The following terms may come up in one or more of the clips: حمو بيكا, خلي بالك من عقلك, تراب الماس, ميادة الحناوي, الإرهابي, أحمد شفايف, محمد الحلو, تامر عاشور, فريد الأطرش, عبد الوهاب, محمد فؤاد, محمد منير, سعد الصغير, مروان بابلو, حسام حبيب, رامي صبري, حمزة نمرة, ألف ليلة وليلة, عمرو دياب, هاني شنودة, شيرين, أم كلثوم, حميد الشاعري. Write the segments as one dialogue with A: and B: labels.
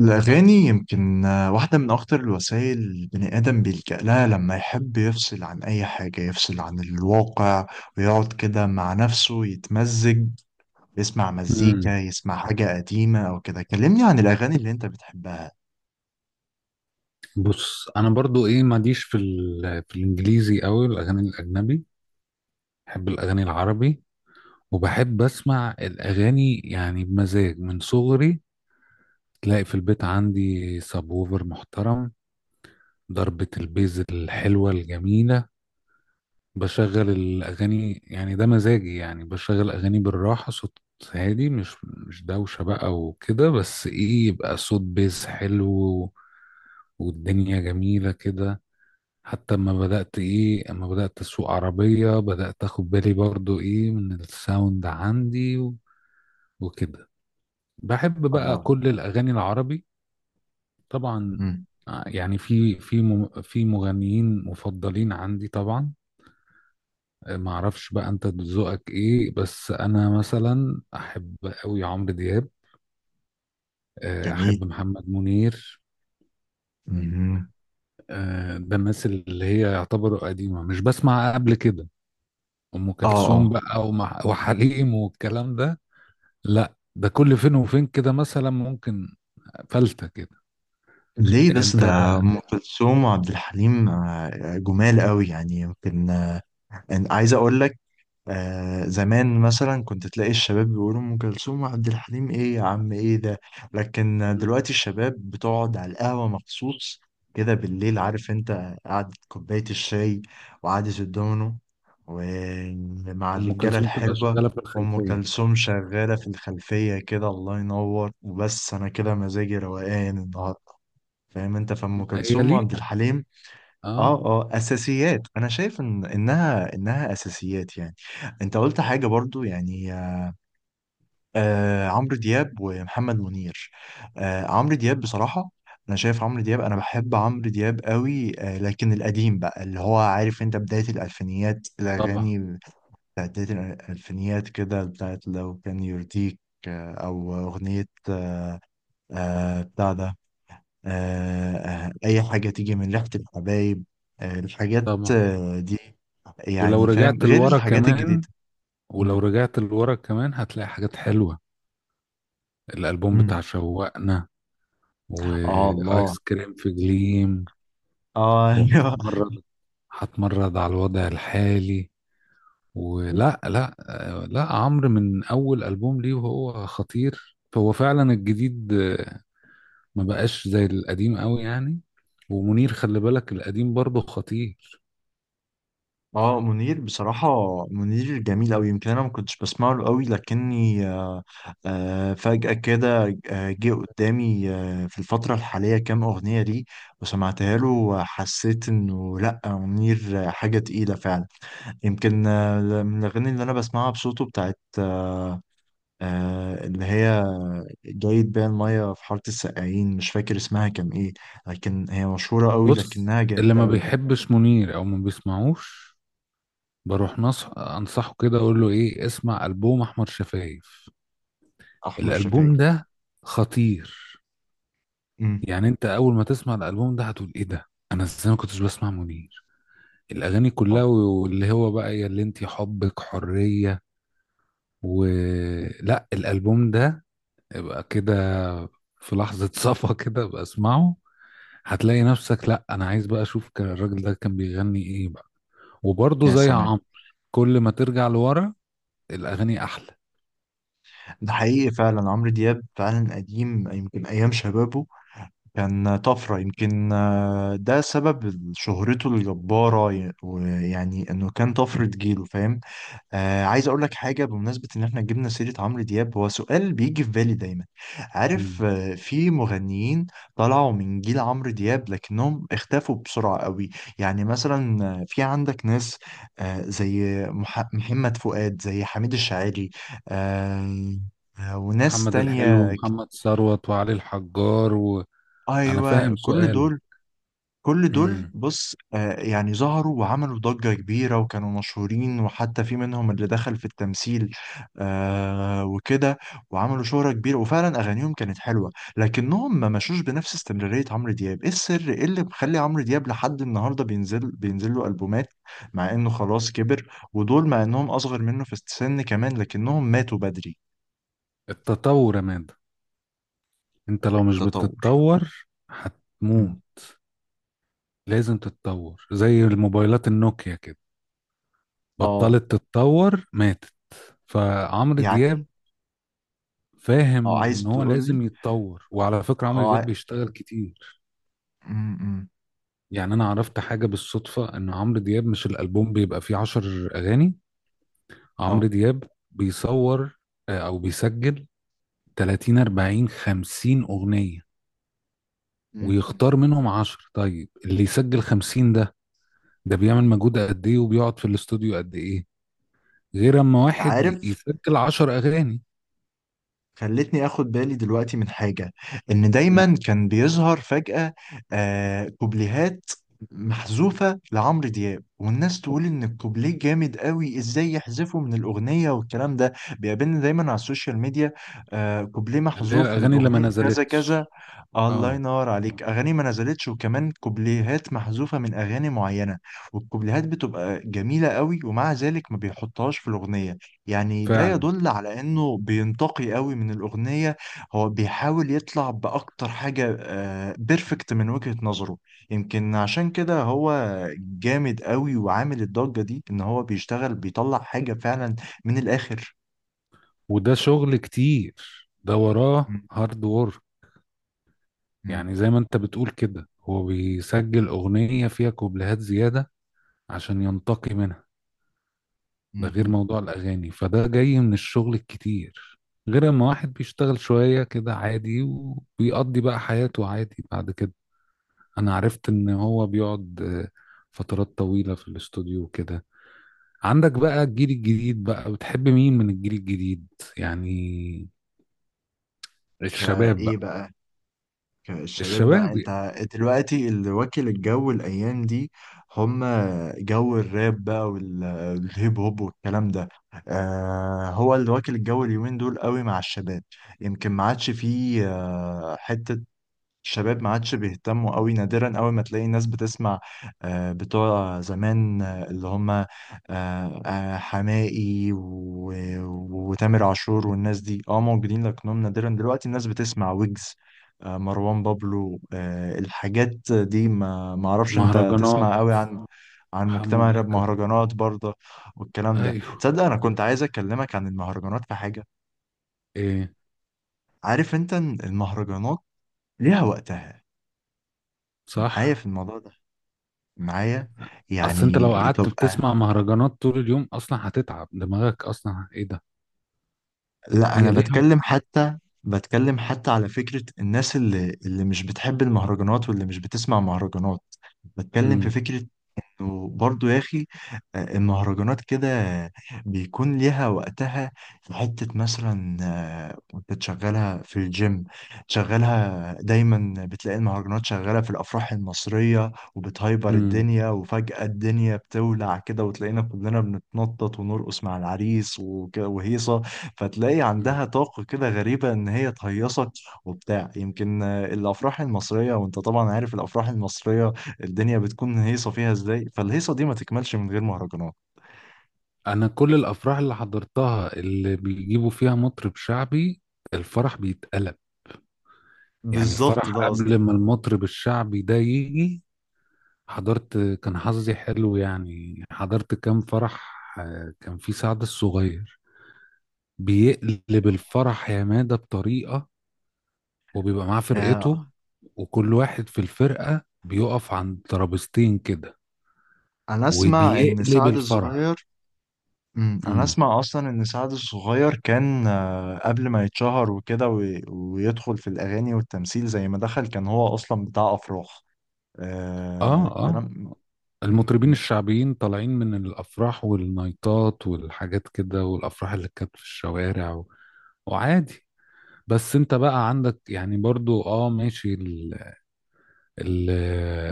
A: الأغاني يمكن واحدة من أخطر الوسائل، البني آدم بيلجأ لها لما يحب يفصل عن أي حاجة، يفصل عن الواقع ويقعد كده مع نفسه يتمزج، يسمع مزيكا
B: امم
A: يسمع حاجة قديمة أو كده. كلمني عن الأغاني اللي أنت بتحبها.
B: بص انا برضو ايه ماليش في ال... في الانجليزي قوي الاغاني الاجنبي. بحب الاغاني العربي، وبحب اسمع الاغاني يعني بمزاج من صغري. تلاقي في البيت عندي سابوفر محترم، ضربة البيز الحلوة الجميلة. بشغل الاغاني يعني ده مزاجي، يعني بشغل اغاني بالراحة، صوت هادي، مش دوشة بقى وكده، بس ايه يبقى صوت بيز حلو والدنيا جميلة كده. حتى اما بدأت اسوق عربية بدأت اخد بالي برضو ايه من الساوند عندي وكده. بحب بقى
A: الله.
B: كل الاغاني العربي، طبعا.
A: مم.
B: يعني في في مغنيين مفضلين عندي طبعا. ما اعرفش بقى انت ذوقك ايه، بس انا مثلا احب قوي عمرو دياب،
A: جميل.
B: احب محمد منير.
A: مم.
B: ده الناس اللي هي يعتبروا قديمة مش بسمع قبل كده، ام
A: آه
B: كلثوم
A: آه.
B: بقى وحليم والكلام ده. لا ده كل فين وفين كده، مثلا ممكن فلتة كده.
A: ليه بس؟
B: انت.
A: ده أم كلثوم وعبد الحليم، جمال قوي يعني، يمكن أنا عايز أقول لك. زمان مثلا كنت تلاقي الشباب بيقولوا أم كلثوم وعبد الحليم، إيه يا عم إيه ده؟ لكن
B: مم.
A: دلوقتي الشباب بتقعد على القهوة مخصوص كده بالليل، عارف أنت، قعدة كوباية الشاي وقعدة الدومينو ومع
B: ام
A: الرجالة
B: كلثوم تبقى
A: الحلوة،
B: شغالة في
A: وأم
B: الخلفية.
A: كلثوم شغالة في الخلفية كده. الله ينور. وبس أنا كده مزاجي روقان النهاردة، فاهم أنت؟ فأم
B: هي
A: كلثوم وعبد
B: ليها،
A: الحليم اه
B: اه.
A: اه اساسيات. انا شايف ان انها اساسيات يعني. انت قلت حاجه برضو، يعني عمرو دياب ومحمد منير. عمرو دياب بصراحه، انا شايف عمرو دياب، انا بحب عمرو دياب قوي لكن القديم بقى، اللي هو عارف انت بدايه الالفينيات،
B: طبعا.
A: الاغاني بتاعت بدايه الالفينيات كده، بتاعت لو كان يرضيك، او اغنيه بتاع ده آه، أي حاجة تيجي من ريحة الحبايب، الحاجات
B: طبعا.
A: دي،
B: ولو
A: يعني فاهم؟
B: رجعت
A: غير
B: لورا
A: الحاجات
B: كمان،
A: الجديدة. مم.
B: هتلاقي حاجات حلوة. الألبوم
A: مم.
B: بتاع شوقنا،
A: آه الله.
B: وآيس كريم في جليم،
A: آه أيوه.
B: وهتمرد. هتمرد على الوضع الحالي، ولا لا. لا عمرو من أول ألبوم ليه وهو خطير، فهو فعلا الجديد ما بقاش زي القديم قوي يعني. ومنير خلي بالك القديم برضه خطير.
A: اه منير بصراحة. منير جميل أوي، يمكن أنا ما كنتش بسمع له أوي، لكني فجأة كده جه قدامي في الفترة الحالية كام أغنية ليه وسمعتها له، وحسيت إنه لأ منير حاجة تقيلة فعلا. يمكن من الأغاني اللي أنا بسمعها بصوته، بتاعت اللي هي جايد بيها المية في حارة السقايين. مش فاكر اسمها كان إيه، لكن هي مشهورة قوي
B: بص،
A: لكنها
B: اللي
A: جميلة
B: ما
A: قوي.
B: بيحبش منير او ما بيسمعوش بروح انصحه كده اقول له ايه، اسمع البوم احمد شفايف.
A: أحمر
B: الالبوم
A: شفايف.
B: ده خطير.
A: أمم.
B: يعني انت اول ما تسمع الالبوم ده هتقول ايه ده، انا ازاي ما كنتش بسمع منير، الاغاني كلها،
A: آه،
B: واللي هو بقى يا اللي انت حبك حرية ولا الالبوم ده، يبقى كده في لحظة صفا كده بسمعه هتلاقي نفسك، لا انا عايز بقى اشوف كان الراجل ده كان بيغني ايه بقى. وبرضه
A: يا
B: زي
A: سلام.
B: عمرو، كل ما ترجع لورا الاغاني احلى.
A: ده حقيقي فعلا، عمرو دياب فعلا قديم يمكن أيام شبابه كان طفرة. يمكن ده سبب شهرته الجبارة، ويعني إنه كان طفرة جيله، فاهم؟ عايز اقول لك حاجه، بمناسبه ان احنا جبنا سيره عمرو دياب، هو سؤال بيجي في بالي دايما. عارف
B: مم.
A: في مغنيين طلعوا من جيل عمرو دياب لكنهم اختفوا بسرعه قوي. يعني مثلا في عندك ناس زي محمد فؤاد، زي حميد الشاعري، آه وناس
B: محمد الحلو
A: تانية.
B: ومحمد ثروت وعلي الحجار، وانا
A: ايوه،
B: فاهم
A: كل
B: سؤالك.
A: دول كل دول
B: مم.
A: بص يعني ظهروا وعملوا ضجة كبيرة وكانوا مشهورين، وحتى في منهم اللي دخل في التمثيل وكده. وعملوا شهرة كبيرة وفعلا أغانيهم كانت حلوة، لكنهم ما مشوش بنفس استمرارية عمرو دياب. إيه السر؟ إيه اللي مخلي عمرو دياب لحد النهاردة بينزل له ألبومات؟ مع إنه خلاص كبر، ودول مع إنهم أصغر منه في السن كمان لكنهم ماتوا بدري.
B: التطور يا مادة، انت لو مش
A: التطور.
B: بتتطور
A: مم.
B: هتموت. لازم تتطور، زي الموبايلات النوكيا كده،
A: اه،
B: بطلت تتطور ماتت. فعمرو
A: يعني
B: دياب
A: اه
B: فاهم ان
A: عايز
B: هو
A: تقول لي
B: لازم يتطور. وعلى فكرة عمرو
A: اه
B: دياب
A: عاي-
B: بيشتغل كتير،
A: مم، مم.
B: يعني انا عرفت حاجه بالصدفه ان عمرو دياب، مش الالبوم بيبقى فيه عشر اغاني، عمرو
A: اه.
B: دياب بيصور او بيسجل 30 40 50 اغنيه
A: مم.
B: ويختار منهم 10. طيب اللي يسجل 50 ده، ده بيعمل مجهود قد ايه وبيقعد في الاستوديو قد ايه، غير اما واحد
A: عارف،
B: يسجل 10 اغاني.
A: خلتني اخد بالي دلوقتي من حاجة، ان دايما
B: مم.
A: كان بيظهر فجأة كوبليهات محذوفة لعمرو دياب، والناس تقول ان الكوبليه جامد قوي، ازاي يحذفه من الاغنية والكلام ده. بيقابلني دايما على السوشيال ميديا كوبليه
B: اللي هي
A: محذوف من
B: الاغاني اللي ما
A: اغنية كذا كذا.
B: نزلتش،
A: الله
B: اه
A: ينور عليك. اغاني ما نزلتش، وكمان كوبليهات محذوفة من اغاني معينة، والكوبليهات بتبقى جميلة قوي، ومع ذلك ما بيحطهاش في الاغنية. يعني ده
B: فعلا.
A: يدل على انه بينتقي قوي من الاغنيه. هو بيحاول يطلع باكتر حاجه، بيرفكت من وجهه نظره. يمكن عشان كده هو جامد قوي وعامل الضجه دي، ان هو بيشتغل بيطلع حاجه فعلا من الاخر.
B: وده شغل كتير، ده وراه
A: م-
B: هارد وورك.
A: م-
B: يعني زي ما انت بتقول كده، هو بيسجل اغنية فيها كوبليهات زيادة عشان ينتقي منها. ده
A: م-
B: غير
A: م.
B: موضوع الاغاني، فده جاي من الشغل الكتير، غير اما واحد بيشتغل شوية كده عادي وبيقضي بقى حياته عادي بعد كده. انا عرفت ان هو بيقعد فترات طويلة في الاستوديو وكده. عندك بقى الجيل الجديد، بقى بتحب مين من الجيل الجديد يعني، الشباب
A: فايه
B: بقى؟
A: بقى؟ الشباب بقى،
B: الشباب.
A: انت دلوقتي اللي واكل الجو الايام دي، هم. جو الراب بقى والهيب هوب والكلام ده، هو اللي واكل الجو اليومين دول قوي مع الشباب. يمكن ما عادش فيه حتة، الشباب ما عادش بيهتموا قوي، نادرا قوي ما تلاقي ناس بتسمع بتوع زمان اللي هم حماقي وتامر عاشور والناس دي، اه موجودين لكنهم نادرا. دلوقتي الناس بتسمع ويجز مروان بابلو الحاجات دي. ما اعرفش، انت
B: مهرجانات،
A: تسمع قوي عن
B: حمو
A: مجتمع الراب؟
B: بيكا.
A: مهرجانات برضه والكلام ده.
B: ايوه.
A: تصدق انا كنت عايز اكلمك عن المهرجانات في حاجة.
B: ايه؟
A: عارف انت إن المهرجانات ليها وقتها معايا
B: صح.
A: في الموضوع ده؟ معايا،
B: اصل انت
A: يعني
B: لو قعدت
A: تبقى...
B: بتسمع مهرجانات طول اليوم اصلا هتتعب دماغك، اصلا ايه ده.
A: لا انا
B: هي ليها.
A: بتكلم حتى، بتكلم حتى على فكرة الناس اللي مش بتحب المهرجانات، واللي مش بتسمع مهرجانات، بتكلم في
B: امم
A: فكرة. وبرضه يا اخي المهرجانات كده بيكون ليها وقتها، في حتة مثلا وانت تشغلها في الجيم تشغلها، دايما بتلاقي المهرجانات شغالة في الأفراح المصرية، وبتهايبر
B: امم
A: الدنيا، وفجأة الدنيا بتولع كده وتلاقينا كلنا بنتنطط ونرقص مع العريس وكده وهيصة. فتلاقي
B: أمم.
A: عندها طاقة كده غريبة إن هي تهيصك وبتاع. يمكن الأفراح المصرية، وانت طبعا عارف الأفراح المصرية الدنيا بتكون هيصة فيها ازاي، فالهيصة دي ما تكملش من غير مهرجانات.
B: انا كل الافراح اللي حضرتها اللي بيجيبوا فيها مطرب شعبي، الفرح بيتقلب. يعني
A: بالظبط
B: الفرح
A: ده
B: قبل
A: قصدي.
B: ما المطرب الشعبي ده يجي، حضرت كان حظي حلو يعني، حضرت كام فرح كان في سعد الصغير، بيقلب الفرح يا مادة بطريقة. وبيبقى معاه
A: آه.
B: فرقته، وكل واحد في الفرقة بيقف عند ترابيزتين كده،
A: انا اسمع ان
B: وبيقلب
A: سعد
B: الفرح.
A: الصغير. مم. انا
B: امم
A: اسمع اصلا ان سعد الصغير كان قبل ما يتشهر وكده ويدخل في الاغاني والتمثيل زي ما دخل، كان هو اصلا بتاع افراح. آه
B: اه اه،
A: كلام. م-
B: المطربين
A: م-
B: الشعبيين طالعين من الافراح والنايتات والحاجات كده، والافراح اللي كانت في الشوارع و... وعادي. بس انت بقى عندك يعني برضو اه ماشي ال... ال-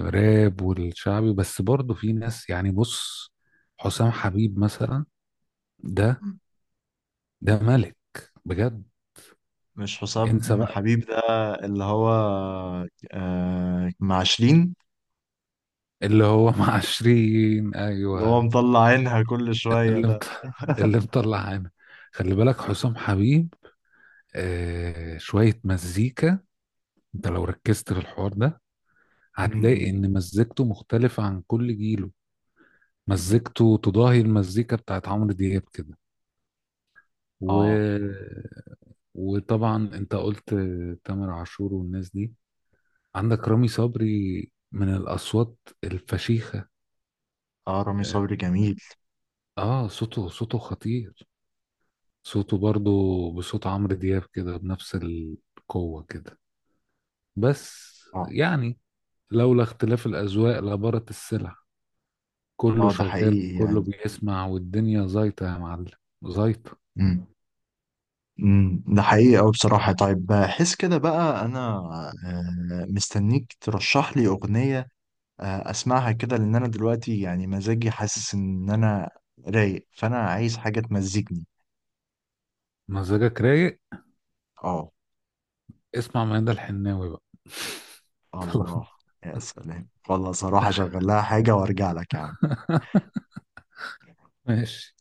B: الراب والشعبي، بس برضو في ناس يعني بص، حسام حبيب مثلا، ده،
A: م-
B: ده ملك بجد.
A: مش حسام
B: انسى
A: حبيب ده؟ اللي هو مع شيرين،
B: اللي هو مع عشرين،
A: اللي
B: ايوه،
A: هو مطلع عينها كل شوية
B: اللي
A: ده.
B: مط... اللي مطلع عنا. خلي بالك حسام حبيب آه شوية مزيكا، انت لو ركزت في الحوار ده هتلاقي
A: م-
B: ان مزيكته مختلفة عن كل جيله،
A: م-
B: مزيكته تضاهي المزيكا بتاعت عمرو دياب كده، و...
A: م.
B: وطبعا انت قلت تامر عاشور والناس دي، عندك رامي صبري من الاصوات الفشيخة.
A: اه رامي
B: اه،
A: صبري جميل.
B: صوته خطير. صوته برضو بصوت عمرو دياب كده، بنفس القوة كده، بس
A: اه.
B: يعني، لولا اختلاف الأذواق لبارت السلع. كله
A: اه ده
B: شغال،
A: حقيقي
B: كله
A: يعني.
B: بيسمع، والدنيا زيطة يا معلم، زيطة.
A: امم. ده حقيقي أوي بصراحة. طيب بحس كده بقى أنا مستنيك ترشح لي أغنية أسمعها كده، لأن أنا دلوقتي يعني مزاجي حاسس إن أنا رايق، فأنا عايز حاجة تمزجني.
B: مزاجك رايق؟
A: اه.
B: اسمع ميادة الحناوي بقى. خلاص.
A: الله. يا سلام والله، صراحة شغل لها حاجة وأرجع لك يا عم.
B: ماشي.